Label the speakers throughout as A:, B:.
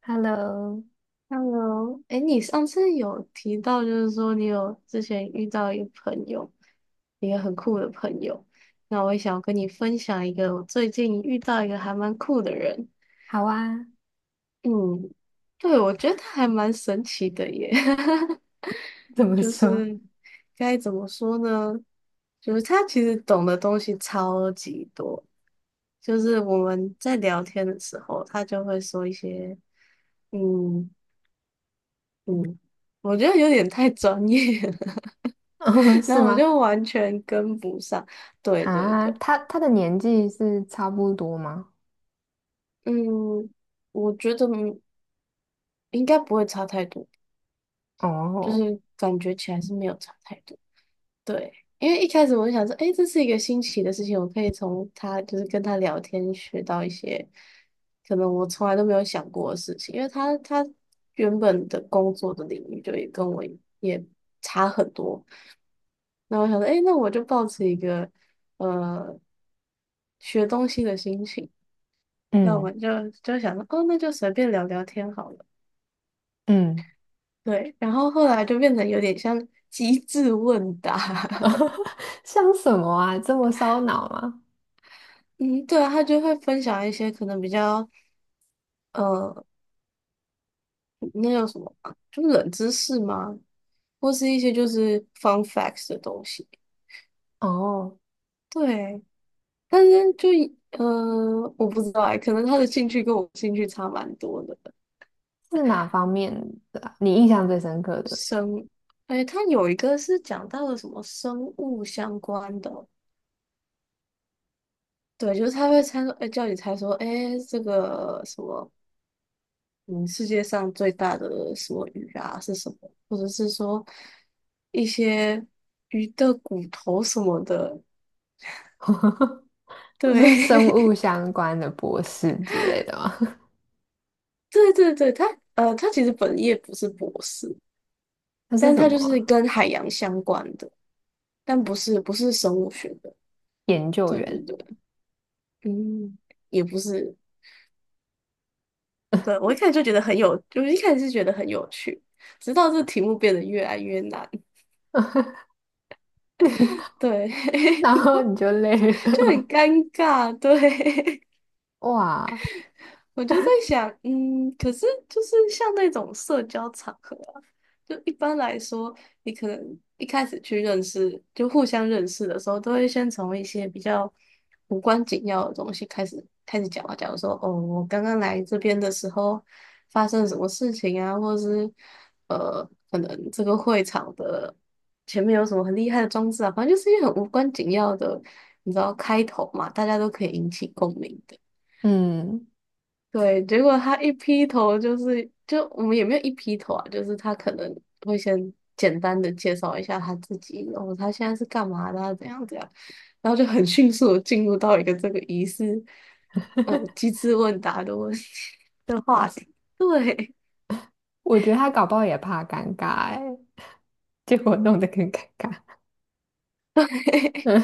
A: Hello，
B: Hello,哎，你上次有提到，就是说你有之前遇到一个朋友，一个很酷的朋友。那我也想要跟你分享一个我最近遇到一个还蛮酷的人。
A: 好啊，
B: 嗯，对，我觉得他还蛮神奇的耶。
A: 怎么
B: 就
A: 说？
B: 是该怎么说呢？就是他其实懂的东西超级多。就是我们在聊天的时候，他就会说一些。嗯。嗯，我觉得有点太专业了。
A: 哦
B: 然
A: 是
B: 后我
A: 吗？
B: 就完全跟不上。对对
A: 啊，
B: 对，
A: 他的年纪是差不多吗？
B: 嗯，我觉得应该不会差太多，就
A: 哦，
B: 是感觉起来是没有差太多。对，因为一开始我就想说，诶，这是一个新奇的事情，我可以从他就是跟他聊天学到一些可能我从来都没有想过的事情，因为他原本的工作的领域就也跟我也差很多。然后我想说，哎，那我就抱持一个呃学东西的心情，那我
A: 嗯
B: 们就就想说，哦，那就随便聊聊天好了。
A: 嗯，
B: 对，然后后来就变得有点像机智问答。
A: 像什么啊？这么烧脑吗？
B: 嗯，对啊，他就会分享一些可能比较呃，那叫什么啊就是冷知识吗？或是一些就是 fun facts 的东西。
A: 哦，
B: 对，但是就呃，我不知道哎，可能他的兴趣跟我兴趣差蛮多的。
A: 是哪方面的啊你印象最深刻的？
B: 生，哎，它有一个是讲到了什么生物相关的哦。对，就是他会猜说，哎，叫你猜说，哎，这个什么，嗯，世界上最大的什么鱼啊是什么，或者是说一些鱼的骨头什么的，
A: 是生
B: 对。
A: 物相关的博士之类的吗？
B: 对对对，他其实本业不是博士，
A: 他是
B: 但
A: 什
B: 他
A: 么
B: 就是
A: 啊
B: 跟海洋相关的，但不是生物学的，
A: 研究
B: 对对
A: 员，
B: 对，嗯，也不是。对，我一开始就觉得很有，就是一开始是觉得很有趣，直到这题目变得越来越难，对。
A: 然后你就累 了
B: 就很
A: 吗？
B: 尴尬，对。
A: 哇，
B: 我就在想，嗯，可是就是像那种社交场合啊，就一般来说，你可能一开始去认识，就互相认识的时候，都会先从一些比较无关紧要的东西开始讲啊。假如说，哦，我刚刚来这边的时候发生了什么事情啊，或者是呃，可能这个会场的前面有什么很厉害的装置啊，反正就是一些很无关紧要的，你知道开头嘛，大家都可以引起共鸣的。
A: 嗯，
B: 对，结果他一劈头就是，就我们也没有一劈头啊，就是他可能会先简单的介绍一下他自己，然后他现在是干嘛的啊怎样怎样，然后就很迅速的进入到一个这个疑似机智问答的问题 的话题。对。
A: 我觉得他搞不好也怕尴尬哎，结果弄得更尴尬。嗯，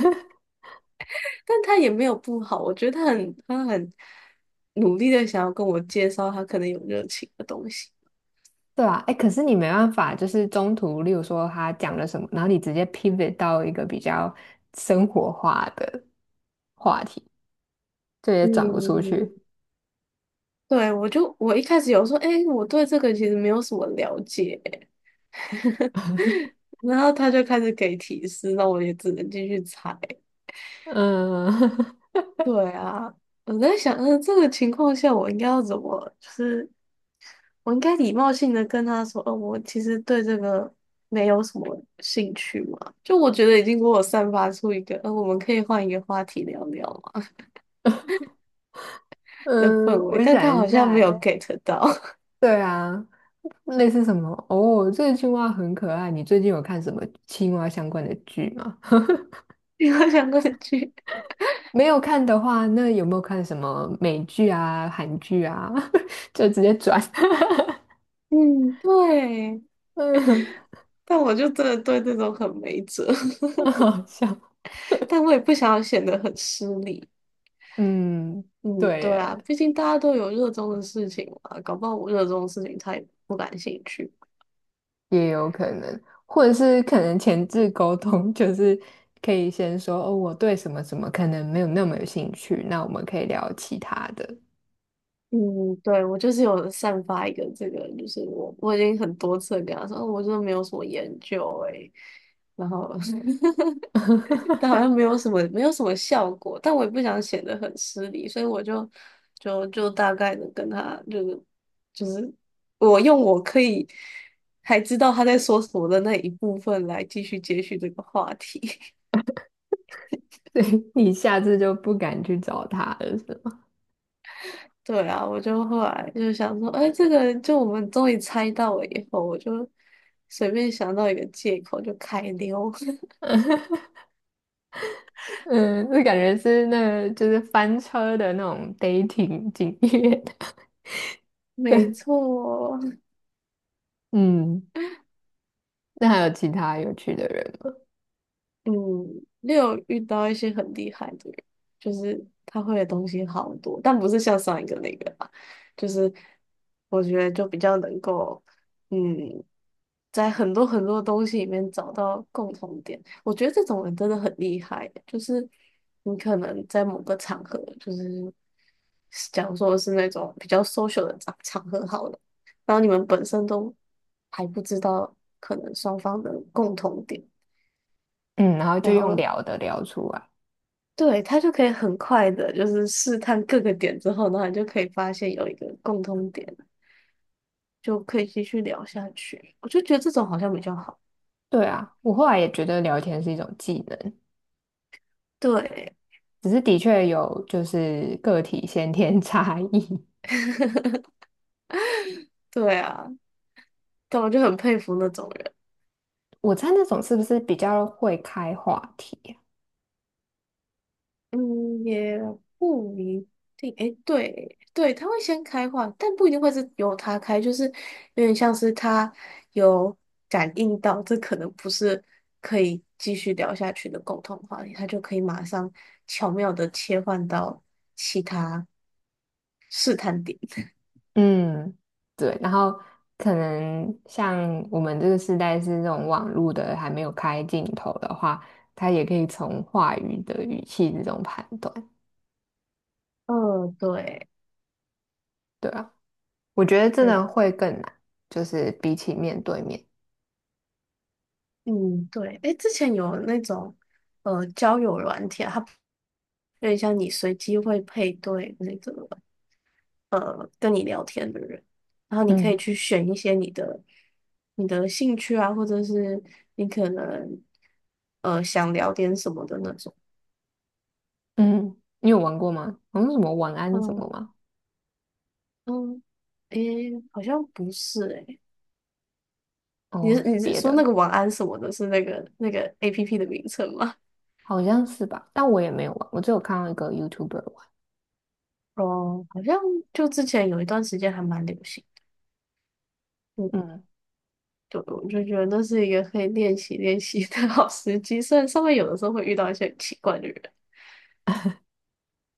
B: 但他也没有不好，我觉得他很努力的想要跟我介绍他可能有热情的东西。
A: 对啊，哎，可是你没办法，就是中途，例如说他讲了什么，然后你直接 pivot 到一个比较生活化的话题，这也转不出
B: 嗯，
A: 去。
B: 对，我一开始有说，哎、我对这个其实没有什么了解，然后他就开始给提示，那我也只能继续猜。
A: 嗯
B: 对啊，我在想，嗯，这个情况下我应该要怎么，就是我应该礼貌性的跟他说，哦，我其实对这个没有什么兴趣嘛。就我觉得已经给我散发出一个，我们可以换一个话题聊聊嘛 的氛
A: 嗯，
B: 围，
A: 我
B: 但他
A: 想一
B: 好
A: 下，
B: 像没
A: 哎，
B: 有 get 到。
A: 对啊，类似什么？哦，这个青蛙很可爱。你最近有看什么青蛙相关的剧吗？
B: 你我想过去。
A: 没有看的话，那有没有看什么美剧啊、韩剧啊？就直接转，
B: 嗯，对，
A: 嗯，
B: 但我就真的对这种很没辙。
A: 很好笑。
B: 但我也不想要显得很失礼。
A: 嗯，
B: 嗯，
A: 对
B: 对啊，
A: 耶，
B: 毕竟大家都有热衷的事情嘛，搞不好我热衷的事情他也不感兴趣。
A: 也有可能，或者是可能前置沟通，就是可以先说哦，我对什么什么可能没有那么有兴趣，那我们可以聊其他的。
B: 嗯，对，我就是有散发一个这个，就是我已经很多次地跟他说，哦，我真的没有什么研究诶、然后 但好像没 有什么没有什么效果，但我也不想显得很失礼，所以我就大概的跟他就是我用我可以还知道他在说什么的那一部分来继续接续这个话题。
A: 对，你下次就不敢去找他了，是吗？
B: 对啊，我就后来就想说，哎，这个就我们终于猜到了以后，我就随便想到一个借口就开溜。
A: 嗯，这感觉是那个就是翻车的那种 dating 经验。
B: 没错，
A: 嗯，那还有其他有趣的人吗？
B: 嗯，也有遇到一些很厉害的人，就是他会的东西好多，但不是像上一个那个吧，就是我觉得就比较能够，嗯。在很多很多东西里面找到共同点。我觉得这种人真的很厉害欸，就是你可能在某个场合，就是假如说是那种比较 social 的场合好了，然后你们本身都还不知道可能双方的共同点，
A: 嗯，然后就
B: 然
A: 用
B: 后
A: 聊的聊出来。
B: 对他就可以很快的，就是试探各个点之后，然后你就可以发现有一个共同点，就可以继续聊下去。我就觉得这种好像比较好。
A: 对啊，我后来也觉得聊天是一种技能。
B: 对。
A: 只是的确有就是个体先天 差异。
B: 对啊。但我就很佩服那种人。
A: 我猜那种是不是比较会开话题啊？
B: 嗯，也不一定。诶，对对，他会先开话，但不一定会是由他开，就是有点像是他有感应到这可能不是可以继续聊下去的共同话题，他就可以马上巧妙的切换到其他试探点。
A: 嗯，对。然后可能像我们这个时代是这种网络的还没有开镜头的话，他也可以从话语的语气这种判断。
B: 嗯，对，
A: 对啊，我觉得真
B: 就
A: 的会更难，就是比起面对面。
B: 嗯，对，诶，之前有那种交友软体啊，它有点像你随机会配对那种。跟你聊天的人，然后你可以
A: 嗯
B: 去选一些你的兴趣啊，或者是你可能想聊点什么的那种。
A: 嗯，你有玩过吗？好像什么晚安什么
B: 嗯
A: 吗？
B: 嗯，诶，好像不是诶，你
A: 哦，
B: 是你是
A: 别
B: 说那
A: 的。
B: 个晚安什么的，是那个 APP 的名称吗？
A: 好像是吧，但我也没有玩，我只有看到一个 YouTuber 玩。
B: 哦，好像就之前有一段时间还蛮流行。嗯，
A: 嗯，
B: 对，我就觉得那是一个可以练习的好时机，虽然上面有的时候会遇到一些很奇怪的人，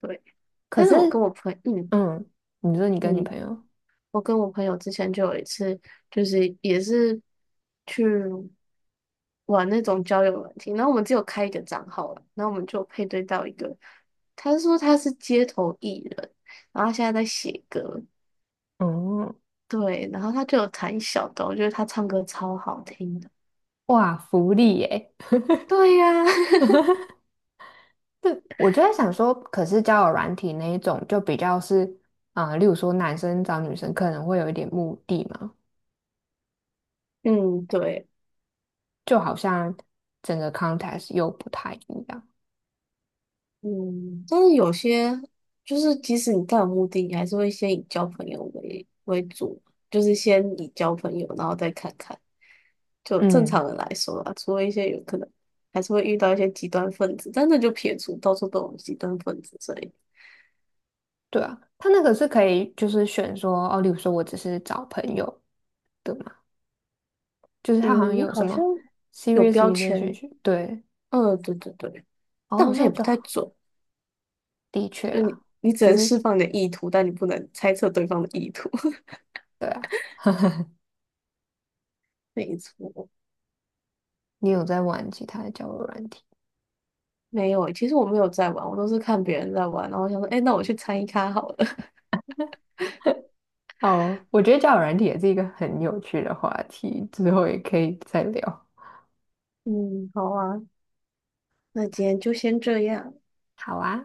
B: 对。
A: 可
B: 但
A: 是，
B: 是我跟我朋友，
A: 嗯，你说你跟你
B: 嗯，
A: 朋友，
B: 我跟我朋友之前就有一次，就是也是去玩那种交友软件，然后我们只有开一个账号了，然后我们就配对到一个，他说他是街头艺人，然后他现在在写歌，
A: 嗯，
B: 对，然后他就有弹小的，我觉得他唱歌超好听的，
A: 哇，福利耶！
B: 对呀、
A: 对，我就在想说，可是交友软体那一种就比较是，啊、例如说男生找女生可能会有一点目的嘛，
B: 嗯，对。
A: 就好像整个 context 又不太一样。
B: 嗯，但是有些就是即使你到有目的地，你还是会先以交朋友为主，就是先以交朋友，然后再看看。就正
A: 嗯，
B: 常人来说啊，除了一些有可能还是会遇到一些极端分子，但那就撇除，到处都有极端分子，所以
A: 对啊，他那个是可以就是选说，哦，例如说我只是找朋友的嘛，就是他好像
B: 嗯，
A: 有什
B: 好像
A: 么
B: 有
A: serious
B: 标签。
A: relationship，对。
B: 嗯，对对对，但
A: 哦，
B: 好像
A: 那
B: 也不
A: 就
B: 太
A: 好。
B: 准，
A: 的确
B: 就你
A: 啦，
B: 你只
A: 只
B: 能
A: 是
B: 释放你的意图，但你不能猜测对方的意图。
A: 对啊，
B: 没错，
A: 你有在玩其他的交友软体？
B: 没有欸其实我没有在玩，我都是看别人在玩，然后想说，哎，那我去参一咖好了。
A: 哦，我觉得交友软体也是一个很有趣的话题，之后也可以再聊。
B: 嗯，好啊，那今天就先这样。
A: 好啊。